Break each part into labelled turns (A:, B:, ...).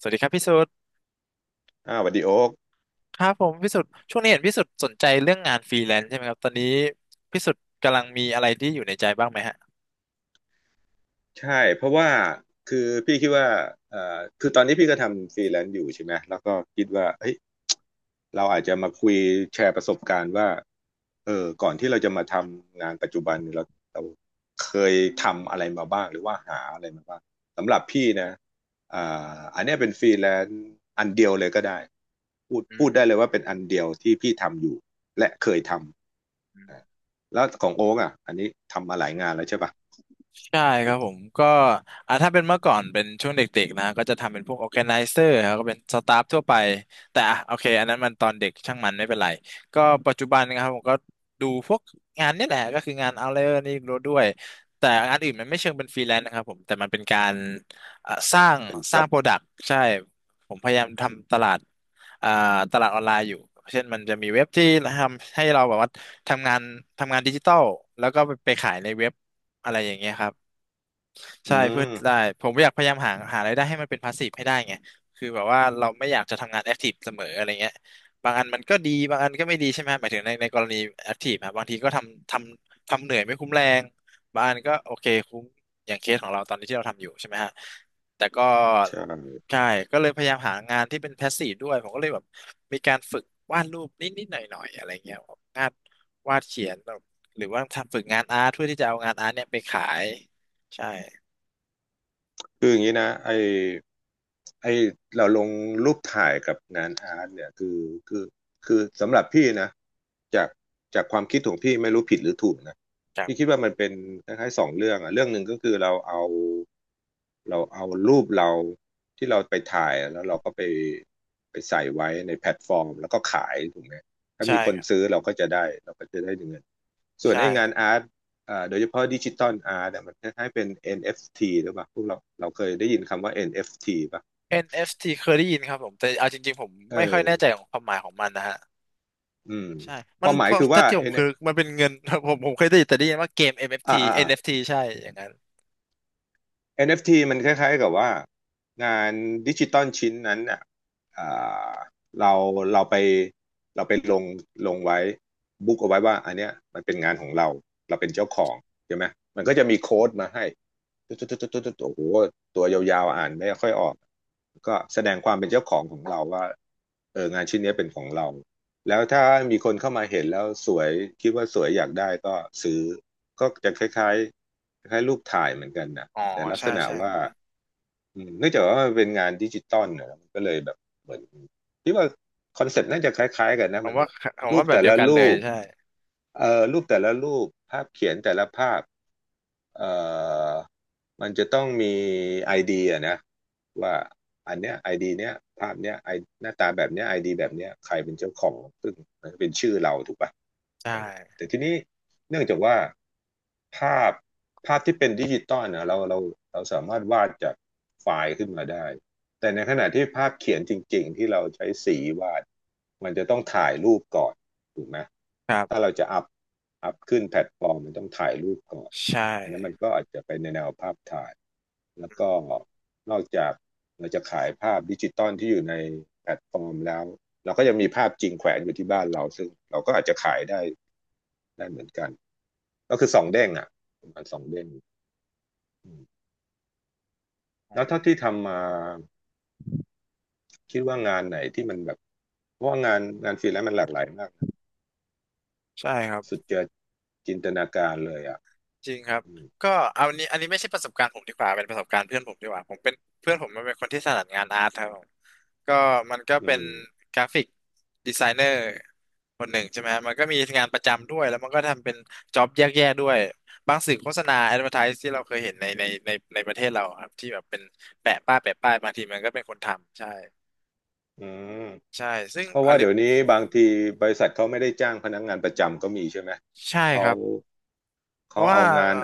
A: สวัสดีครับพี่สุด
B: อ่าสวัสดีโอ๊ก
A: ครับผมพี่สุดช่วงนี้เห็นพี่สุดสนใจเรื่องงานฟรีแลนซ์ใช่ไหมครับตอนนี้พี่สุดกำลังมีอะไรที่อยู่ในใจบ้างไหมฮะ
B: ใช่เพราะว่าคือพี่คิดว่าเอ่อคือตอนนี้พี่ก็ทำฟรีแลนซ์อยู่ใช่ไหมแล้วก็คิดว่าเฮ้ยเราอาจจะมาคุยแชร์ประสบการณ์ว่าเออก่อนที่เราจะมาทำงานปัจจุบันเนี่ยเราเคยทำอะไรมาบ้างหรือว่าหาอะไรมาบ้างสำหรับพี่นะอ่าอันเนี้ยเป็นฟรีแลนซ์อันเดียวเลยก็ได้พูด
A: อื
B: พูด
A: ม
B: ได้เลยว่าเป็นอันเดียวที่พี่ทำอยู่และเคยทำแล้วของโอ๊กอ่ะอันนี้ทำมาหลายงานแล้วใช่ปะ
A: ใช่ครับผมก็ถ้าเป็นเมื่อก่อนเป็นช่วงเด็กๆนะก็จะทำเป็นพวก organizer ครับก็เป็นสตาฟทั่วไปแต่อ่ะโอเคอันนั้นมันตอนเด็กช่างมันไม่เป็นไรก็ปัจจุบันนะครับผมก็ดูพวกงานนี่แหละก็คืองานเอาเลอรนี่รู้ด้วยแต่งานอื่นมันไม่เชิงเป็นฟรีแลนซ์นะครับผมแต่มันเป็นการอ่ะสร้าง
B: เป็น
A: ส
B: จ็
A: ร้าง
B: อบ
A: โปรดักต์ใช่ผมพยายามทำตลาดอ่าตลาดออนไลน์อยู่เช่นมันจะมีเว็บที่ทำให้เราแบบว่าทำงานดิจิตอลแล้วก็ไปขายในเว็บอะไรอย่างเงี้ยครับ
B: อื
A: ใช่เพื่อ
B: ม
A: ได้ผมอยากพยายามหาหารายได้ให้มันเป็นพาสซีฟให้ได้ไงคือแบบว่าเราไม่อยากจะทำงานแอคทีฟเสมออะไรเงี้ยบางอันมันก็ดีบางอันก็ไม่ดีใช่ไหมหมายถึงในกรณีแอคทีฟอะบางทีก็ทำทำเหนื่อยไม่คุ้มแรงบางอันก็โอเคคุ้มอย่างเคสของเราตอนนี้ที่เราทำอยู่ใช่ไหมฮะแต่ก็
B: ใช่
A: ใช่ก็เลยพยายามหางานที่เป็นพาสซีฟด้วยผมก็เลยแบบมีการฝึกวาดรูปนิดๆหน่อยๆอะไรเงี้ยงานวาดเขียนหรือว่าทำฝึกงานอาร์ตเพื่อที่จะเอางานอาร์ตเนี่ยไปขายใช่
B: คืออย่างนี้นะไอไอเราลงรูปถ่ายกับงานอาร์ตเนี่ยคือคือสำหรับพี่นะจากจากความคิดของพี่ไม่รู้ผิดหรือถูกนะ
A: จาก
B: พี่คิดว่ามันเป็นคล้ายๆสองเรื่องอะเรื่องหนึ่งก็คือเราเอาเอารูปเราที่เราไปถ่ายแล้วเราก็ไปใส่ไว้ในแพลตฟอร์มแล้วก็ขายถูกไหมถ้า
A: ใช่
B: มีคน
A: ครับ
B: ซื้อเราก็จะได้เราก็จะได้เงิน ส่วน
A: ใช่
B: ไอ้งานอาร์ตเโดยเฉพาะดิจิตอลอาร์ตเนี่ยมันคล้ายๆเป็น NFT หรือเปล่า พวกเราเราเคยได้ยินคำว่า NFT ป่ะ
A: NFT เอฟทีเคยได้ยินครับผมแต่เอาจริงๆผม
B: เอ
A: ไม่ค่อย
B: อ
A: แน่ใจของความหมายของมันนะฮะ
B: อืม
A: ใช่
B: ค
A: มัน
B: วามหมา
A: เพ
B: ย
A: ราะ
B: คือ
A: ถ้า
B: ว่า
A: ที่ผ
B: เ
A: มคือมันเป็นเงิน ผมเคยได้ยินแต่ได้ยินว่าเกม
B: อ
A: NFT NFT ใช่อย่างนั้น
B: NFT มันคล้ายๆกับว่างานดิจิตอลชิ้นนั้นอ่ะอ่าเราเราไปเราไปลงไว้บุ๊กเอาไว้ว่าอันเนี้ยมันเป็นงานของเราเราเป็นเจ้าของใช่ไหมมันก็จะมีโค้ดมาให้ตุ๊ดตุ๊ดตุ๊ดตุ๊ดตุ๊ดโอ้โหตัวยาวๆอ่านไม่ค่อยออกก็แสดงความเป็นเจ้าของของเราว่าเอองานชิ้นเนี้ยเป็นของเราแล้วถ้ามีคนเข้ามาเห็นแล้วสวยคิดว่าสวยอยากได้ก็ซื้อก็จะคล้ายๆคล้ายๆรูปถ่ายเหมือนกันนะ
A: อ๋อ
B: แต่ลัก
A: ใช่
B: ษณะ
A: ใช่
B: ว่าอืมเนื่องจากว่ามันเป็นงานดิจิตอลนะมันก็เลยแบบเหมือนที่ว่าคอนเซ็ปต์น่าจะคล้ายๆกันนะ
A: ผม
B: มัน
A: ว่าผม
B: รู
A: ว่า
B: ป
A: แบบ
B: แต่
A: เดีย
B: ละ
A: วกันเล
B: รู
A: ย
B: ป
A: ใช่
B: รูปแต่ละรูปภาพเขียนแต่ละภาพเอ่อมันจะต้องมีไอดีอะนะว่าอันเนี้ยไอดีเนี้ยภาพเนี้ยไอหน้าตาแบบเนี้ยไอดีแบบเนี้ยใครเป็นเจ้าของซึ่งมันก็เป็นชื่อเราถูกป่ะ
A: ใช
B: เออ
A: ่
B: แต่ทีนี้เนื่องจากว่าภาพภาพที่เป็นดิจิตอลนะเราสามารถวาดจากไฟล์ขึ้นมาได้แต่ในขณะที่ภาพเขียนจริงๆที่เราใช้สีวาดมันจะต้องถ่ายรูปก่อน ถูกไหม
A: ครั
B: ถ้า
A: บ
B: เราจะอัพขึ้นแพลตฟอร์มมันต้องถ่ายรูปก่อน
A: ใช่
B: อันนั้นมันก็อาจจะไปในแนวภาพถ่ายแล้วก็นอกจากเราจะขายภาพดิจิตอลที่อยู่ในแพลตฟอร์มแล้วเราก็ยังมีภาพจริงแขวนอยู่ที่บ้านเราซึ่งเราก็อาจจะขายได้ได้เหมือนกันก็คือสองเด้งอ่ะประมาณสองเด้ง
A: อื
B: แล้วเท่าที่
A: ม
B: ทำมาคิดว่างานไหนที่มันแบบเพราะว่างานฟรีแลนซ์มันหลากหลายมากนะ
A: ใช่ครับ
B: สุดจะจินตนาการเลยอ่ะ
A: จริงครับก็เอาอันนี้ไม่ใช่ประสบการณ์ผมดีกว่าเป็นประสบการณ์เพื่อนผมดีกว่าผมเป็นเพื่อนผมมันเป็นคนที่ถนัดงานอาร์ตครับผมก็มันก็
B: อื
A: เป็น
B: ม
A: กราฟิกดีไซเนอร์คนหนึ่งใช่ไหมฮะมันก็มีงานประจำด้วยแล้วมันก็ทำเป็นจ็อบแยกๆด้วยบางสื่อโฆษณาแอดเวอร์ไทซ์ที่เราเคยเห็นในในประเทศเราครับที่แบบเป็นแปะป้ายบางทีมันก็เป็นคนทำใช่
B: อืม
A: ใช่ซึ่ง
B: เพราะ
A: อัน
B: ว่า
A: นี้
B: เดี๋ยวนี้บางทีบริษัทเขาไม่ได้จ้างพนักงานประจำก็มีใช่ไหม
A: ใช่ค
B: เขา
A: รับเพ
B: เขา
A: ราะว่า
B: เอางาน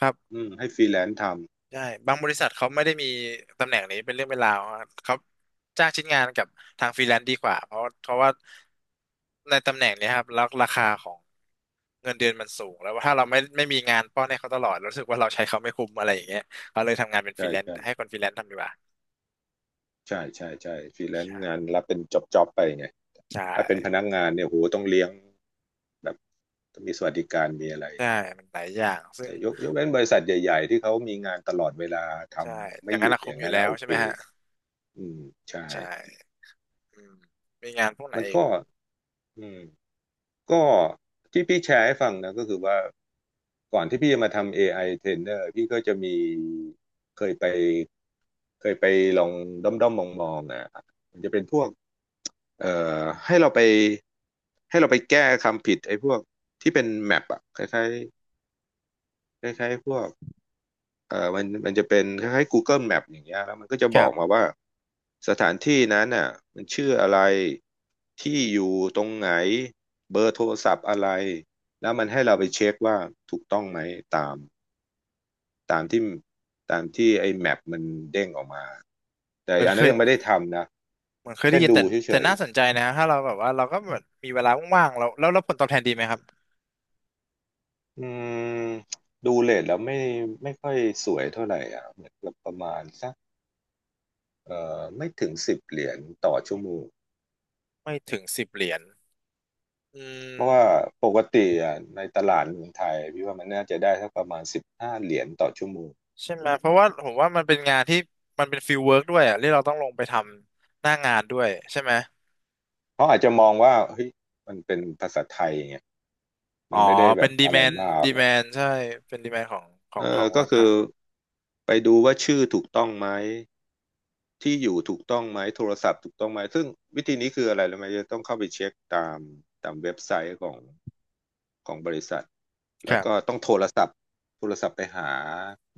A: ครับ
B: อืมให้ฟรีแลนซ์ทำ
A: ใช่บางบริษัทเขาไม่ได้มีตำแหน่งนี้เป็นเรื่องเป็นราวอะเขาจ้างชิ้นงานกับทางฟรีแลนซ์ดีกว่าเพราะเพราะว่าในตำแหน่งเนี้ยครับแล้วราคาของเงินเดือนมันสูงแล้วถ้าเราไม่มีงานป้อนให้เขาตลอดรู้สึกว่าเราใช้เขาไม่คุ้มอะไรอย่างเงี้ยเขาเลยทำงานเป็นฟรี
B: ใช่
A: แลนซ์
B: ใช่
A: ให้คนฟรีแลนซ์ทำดีกว่า
B: ใช่ใช่ฟรีแลนซ์งา
A: ใช่
B: นรับเป็นจ็อบไปไง
A: ใช่
B: ถ้าเป็นพนักงานเนี่ยโหต้องเลี้ยงแบบต้องมีสวัสดิการมีอะไร
A: ใช่มันหลายอย่างซึ่ง
B: แต่ยกเว้นบริษัทใหญ่ๆที่เขามีงานตลอดเวลาท
A: ใช่
B: ำ
A: อ
B: ไม่
A: ย่าง
B: ห
A: นั้น
B: ยุด
A: ละ
B: อ
A: คุ้ม
B: ย่าง
A: อยู่
B: นั้น
A: แล้
B: นะ
A: ว
B: โอ
A: ใช่
B: เค
A: ไหมฮะ
B: อืมใช่
A: ใช่อืมมีงานพวกไหน
B: มัน
A: อีก
B: ก็อืม ก็ที่พี่แชร์ให้ฟังนะก็คือว่าก่อนที่พี่จะมาทำ AI trainer พี่ก็จะมีเคยไปเคยไปลองด้อมด้อมมองมองๆนะมันจะเป็นพวกเอ่อให้เราไปให้เราไปแก้คำผิดไอ้พวกที่เป็นแมปอะคล้ายๆคล้ายๆพวก มันจะเป็นคล้ายๆ Google Map อย่างเงี้ยแล้วมันก็จะ
A: ค
B: บ
A: รั
B: อกมา
A: บ
B: ว่าสถานที่นั้นน่ะมันชื่ออะไรที่อยู่ตรงไหนเบอร์โทรศัพท์อะไร แล้วมันให้เราไปเช็คว่าถูกต้องไหมตามตามที่ตามที่ไอ้แมปมันเด้งออกมาแต่
A: มัน
B: อัน
A: เค
B: นั้น
A: ย
B: ยังไม่ได้ทำนะ
A: เหมือนเคยได้
B: แค่
A: ยิน
B: ดู
A: แต่
B: เฉ
A: แต่
B: ย
A: น่าสนใจนะถ้าเราแบบว่าเราก็เหมือนมีเวลาว่างๆเราแล้วแล้วผลตอบแทนดีไหมครับ
B: ๆอืมดูเรทแล้วไม่ค่อยสวยเท่าไหร่อ่ะเหมือนกับประมาณสักไม่ถึง10 เหรียญต่อชั่วโมง
A: ไม่ถึงสิบเหรียญอื
B: เพราะว่า
A: ม
B: ปกติอ่ะในตลาดเมืองไทยพี่ว่ามันน่าจะได้สักประมาณสิบห้าเหรียญต่อชั่วโมง
A: ใช่ไหมเพราะว่าผมว่ามันเป็นงานที่มันเป็นฟิลเวิร์กด้วยอ่ะที่เราต้องลงไปทำหน้างานด้วยใช่ไหม
B: เขาอาจจะมองว่าเฮ้ยมันเป็นภาษาไทยไง
A: อ๋
B: มั
A: อ
B: นไม่ได้แบ
A: เป็น
B: บ
A: ดี
B: อะ
A: แม
B: ไร
A: น
B: มาก
A: ดี
B: หร
A: แม
B: อก
A: นใช่เป็นดีแมนของ
B: เอ
A: ขอ
B: อ
A: ง
B: ก็
A: ร้าน
B: คือ
A: ค้า
B: ไปดูว่าชื่อถูกต้องไหมที่อยู่ถูกต้องไหมโทรศัพท์ถูกต้องไหมซึ่งวิธีนี้คืออะไรรู้ไหมจะต้องเข้าไปเช็คตามเว็บไซต์ของบริษัท
A: ค
B: แล้
A: รั
B: วก็
A: บ
B: ต้องโทรศัพท์โทรศัพท์ไปหา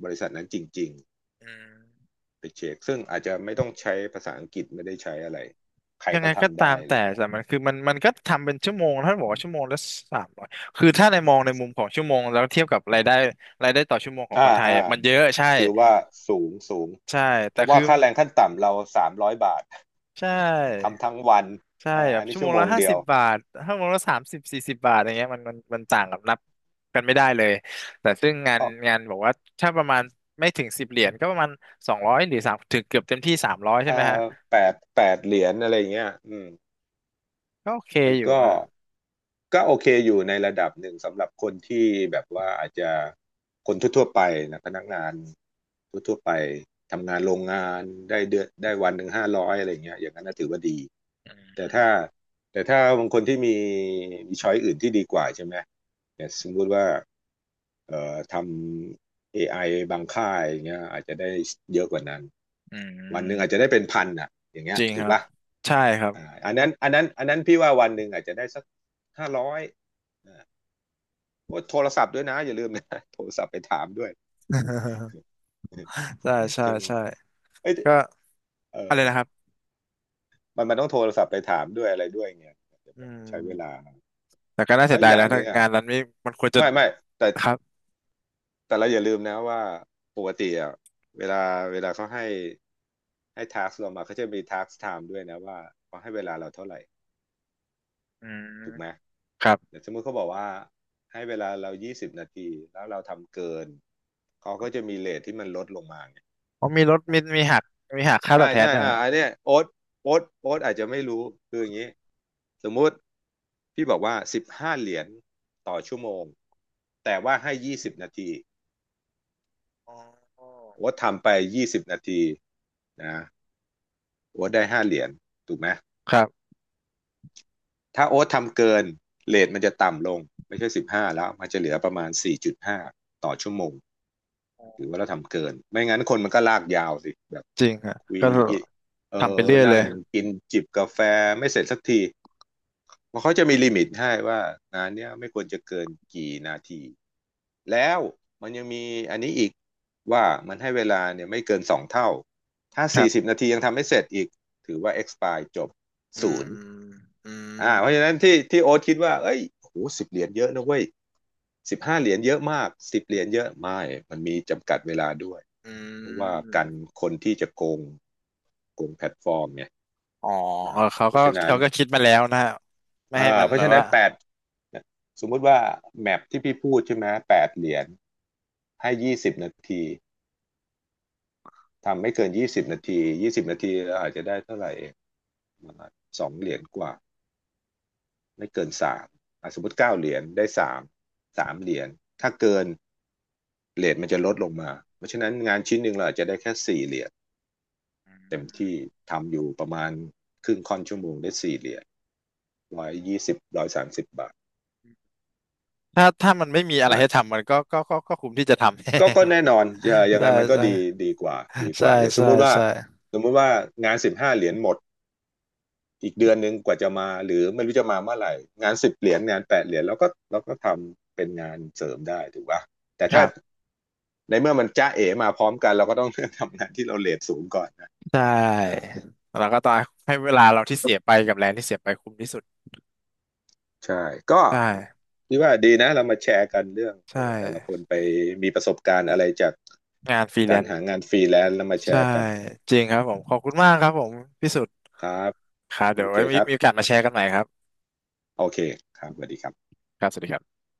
B: บริษัทนั้นจริง
A: อืม
B: ไปเช็คซึ่งอาจจะไม่ต้องใช้ภาษาอังกฤษไม่ได้ใช้อะไรใคร
A: ยัง
B: ก็
A: ไงก็
B: ทำ
A: ตา
B: ได้
A: ม
B: อะไร
A: แต่
B: เงี้
A: แต่
B: ย
A: มันคือมันก็ทำเป็นชั่วโมงถ้าบอกว่าชั่วโมงละสามร้อยคือถ้าในมองในมุมของชั่วโมงแล้วเทียบกับรายได้ต่อชั่วโมงของค
B: อ่า
A: นไทย
B: อ่า
A: มันเยอะใช่
B: ถือว่าสูง
A: ใช่
B: เพ
A: แต่
B: ราะว่า
A: คือ
B: ค่าแรงขั้นต่ำเราสามร้อยบาท
A: ใช ่
B: ทำทั้งวัน
A: ใช่
B: อ่า
A: แบ
B: อั
A: บ
B: นนี้
A: ชั่วโม
B: ชั่ว
A: ง
B: โม
A: ละ
B: ง
A: ห้า
B: เดีย
A: สิ
B: ว
A: บบาทชั่วโมงละสามสิบสี่สิบบาทอย่างเงี้ยมันต่างกับนับกันไม่ได้เลยแต่ซึ่งงาน
B: ก็
A: บอกว่าถ้าประมาณไม่ถึงสิบเหรียญก็ประมาณสองร้อยหรือสามถึงเกือบเต็มที่สามร้อยใช่
B: อ่า
A: ไหมฮะ
B: แปดเหรียญอะไรเงี้ยอืม
A: ก็โอเค
B: มัน
A: อยู่
B: ก็
A: ฮะ
B: โอเคอยู่ในระดับหนึ่งสำหรับคนที่แบบว่าอาจจะคนทั่วๆไปนะพนักงานทั่วๆไปทำงานโรงงานได้เดือนได้วันหนึ่งห้าร้อยอะไรเงี้ยอย่างนั้นน่ะถือว่าดี
A: อื
B: แต่ถ้า
A: ม
B: แต่ถ้าบางคนที่มีช้อยอื่นที่ดีกว่าใช่ไหมแต่สมมุติว่าทำ AI บางค่ายอย่างเงี้ยอาจจะได้เยอะกว่านั้น
A: อื
B: วันหนึ่งอาจจะ
A: ม
B: ได้เป็นพันอ่ะอย่างเงี้
A: จ
B: ย
A: ริง
B: ถู
A: ค
B: ก
A: รับ
B: ป่ะ
A: ใช่ครับ
B: อ่าอันนั้นพี่ว่าวันหนึ่งอาจจะได้สักห้าร้อยว่าโทรศัพท์ด้วยนะอย่าลืมนะ โทรศัพท์ไปถามด้วย
A: ใช่ ใช่
B: ใช่ไหม
A: ใช่
B: เอ้ย
A: ก็
B: เอ
A: อะไร
B: อ
A: นะครับ
B: มันต้องโทรศัพท์ไปถามด้วยอะไรด้วยเงี้ยอาจจะ
A: อื
B: แบบใช้เวลา
A: มแต่ก็น่าเสี
B: แล้
A: ย
B: ว
A: ดาย
B: อ
A: แล้
B: ย่าง
A: ว
B: ห
A: ถ้า
B: นึ่งอ่ะ
A: งานนั้นไม่มันควรจะ
B: ไม่แต่
A: ครับ
B: แต่เราอย่าลืมนะว่าปกติอ่ะเวลาเวลาเขาให้ทักเรามาเขาจะมีทักไทม์ด้วยนะว่าเขาให้เวลาเราเท่าไหร่
A: อืม
B: ถูกไหม
A: ครับ
B: เดี๋ยวสมมติเขาบอกว่าให้เวลาเรายี่สิบนาทีแล้วเราทำเกินเขาก็จะมีเรทที่มันลดลงมาไง
A: อ๋อมีลดมีหักมีหักค่าตอบแทน
B: ใช่
A: ด้วย
B: อ่า
A: ฮะ
B: อันเนี้ยโอ๊ตอาจจะไม่รู้คืออย่างนี้สมมุติพี่บอกว่าสิบห้าเหรียญต่อชั่วโมงแต่ว่าให้ยี่สิบนาที
A: อ๋อ
B: โอ๊ตทำไปยี่สิบนาทีนะ โอ๊ตได้ห้าเหรียญถูกไหม
A: ครับ
B: ถ้าโอ๊ตทำเกินเรทมันจะต่ำลงไม่ใช่สิบห้าแล้วมันจะเหลือประมาณสี่จุดห้าต่อชั่วโมงหรือว่าเราทำเกินไม่งั้นคนมันก็ลากยาวสิแบบ
A: จริงฮะ
B: คุย
A: ก็
B: อเอ
A: ทำไป
B: อ
A: เรื่อยเล
B: นั่ง
A: ย
B: กินจิบกาแฟไม่เสร็จสักทีเพราะเขาจะมีลิมิตให้ว่างานเนี้ยไม่ควรจะเกินกี่นาทีแล้วมันยังมีอันนี้อีกว่ามันให้เวลาเนี่ยไม่เกินสองเท่าถ้า
A: ครั
B: สี่สิ
A: บ
B: บนาทียังทำไม่เสร็จอีกถือว่า expire จบ
A: อื
B: ศูนย์
A: มอื
B: อ่า
A: ม
B: เพราะฉะนั้นที่โอ๊ตคิดว่าเอ้ยโอ้โหสิบเหรียญเยอะนะเว้ยสิบห้าเหรียญเยอะมากสิบเหรียญเยอะไม่มันมีจำกัดเวลาด้วย
A: อื
B: เพราะว่า
A: ม
B: กันคนที่จะโกงโกงแพลตฟอร์มเนี่ย
A: อ๋อ
B: อ่า
A: เออเขา
B: เพ
A: ก็
B: ราะฉะนั้น
A: คิดมาแล้วนะฮะไม่
B: อ่า
A: ให้มัน
B: เพ
A: แบ
B: ราะฉะ
A: บ
B: นั้
A: ว่า
B: นแปดสมมุติว่าแมปที่พี่พูดใช่ไหมแปดเหรียญให้ยี่สิบนาที ทำไม่เกินยี่สิบนาทีเราอาจจะได้เท่าไหร่เองสองเหรียญกว่าไม่เกินสามสมมติเก้าเหรียญได้สามเหรียญถ้าเกิน เรทมันจะลดลงมาเพราะฉะนั้นงานชิ้นหนึ่งเราอาจจะได้แค่สี่เหรียญเต็มที่ทำอยู่ประมาณครึ่งค่อนชั่วโมงได้สี่เหรียญร้อยยี่สิบร้อยสามสิบบาท
A: ถ้ามันไม่มีอะไร
B: มัน
A: ให้ทำมันก็คุ้มที่จะทำ
B: ก็แน่นอน ยัง
A: ใช่
B: ไงมันก็
A: ใช่
B: ดีดีกว่าดีก
A: ใช่
B: ว่าอย่างสม
A: ใช่
B: มุติว่า
A: ใช่
B: สมมุติว่างานสิบห้าเหรียญหมดอีกเดือนหนึ่งกว่าจะมาหรือไม่รู้จะมาเมื่อไหร่งานสิบเหรียญงานแปดเหรียญเราก็ทำเป็นงานเสริมได้ถูกป่ะแต่
A: ค
B: ถ้า
A: รับ
B: ในเมื่อมันจ้าเอ๋มาพร้อมกันเราก็ต้อง ทำงานที่เราเรทสูงก่อนนะ
A: ใช
B: อ่า
A: ่แล้วก็ต้องให้เวลาเราที่เสียไปกับแรงที่เสียไปคุ้มที่สุด
B: ใช่ ก็
A: ใช่
B: พี่ว่าดีนะเรามาแชร์กันเรื่องเอ
A: ใช่
B: อแต่ละคนไปมีประสบการณ์อะไรจาก
A: งานฟรีแล
B: การ
A: นซ์
B: หางานฟรีแลนซ์แล้วมาแช
A: ใช่
B: ร์กัน
A: จริงครับผมขอบคุณมากครับผมพี่สุด
B: ครับ
A: ครับ
B: โอ
A: เดี๋ยว
B: เค
A: ไว้มี
B: ครับ
A: โอกาสมาแชร์กันใหม่ครับ
B: โอเคครับสวัสดีครับ
A: ครับสวัสดีครับ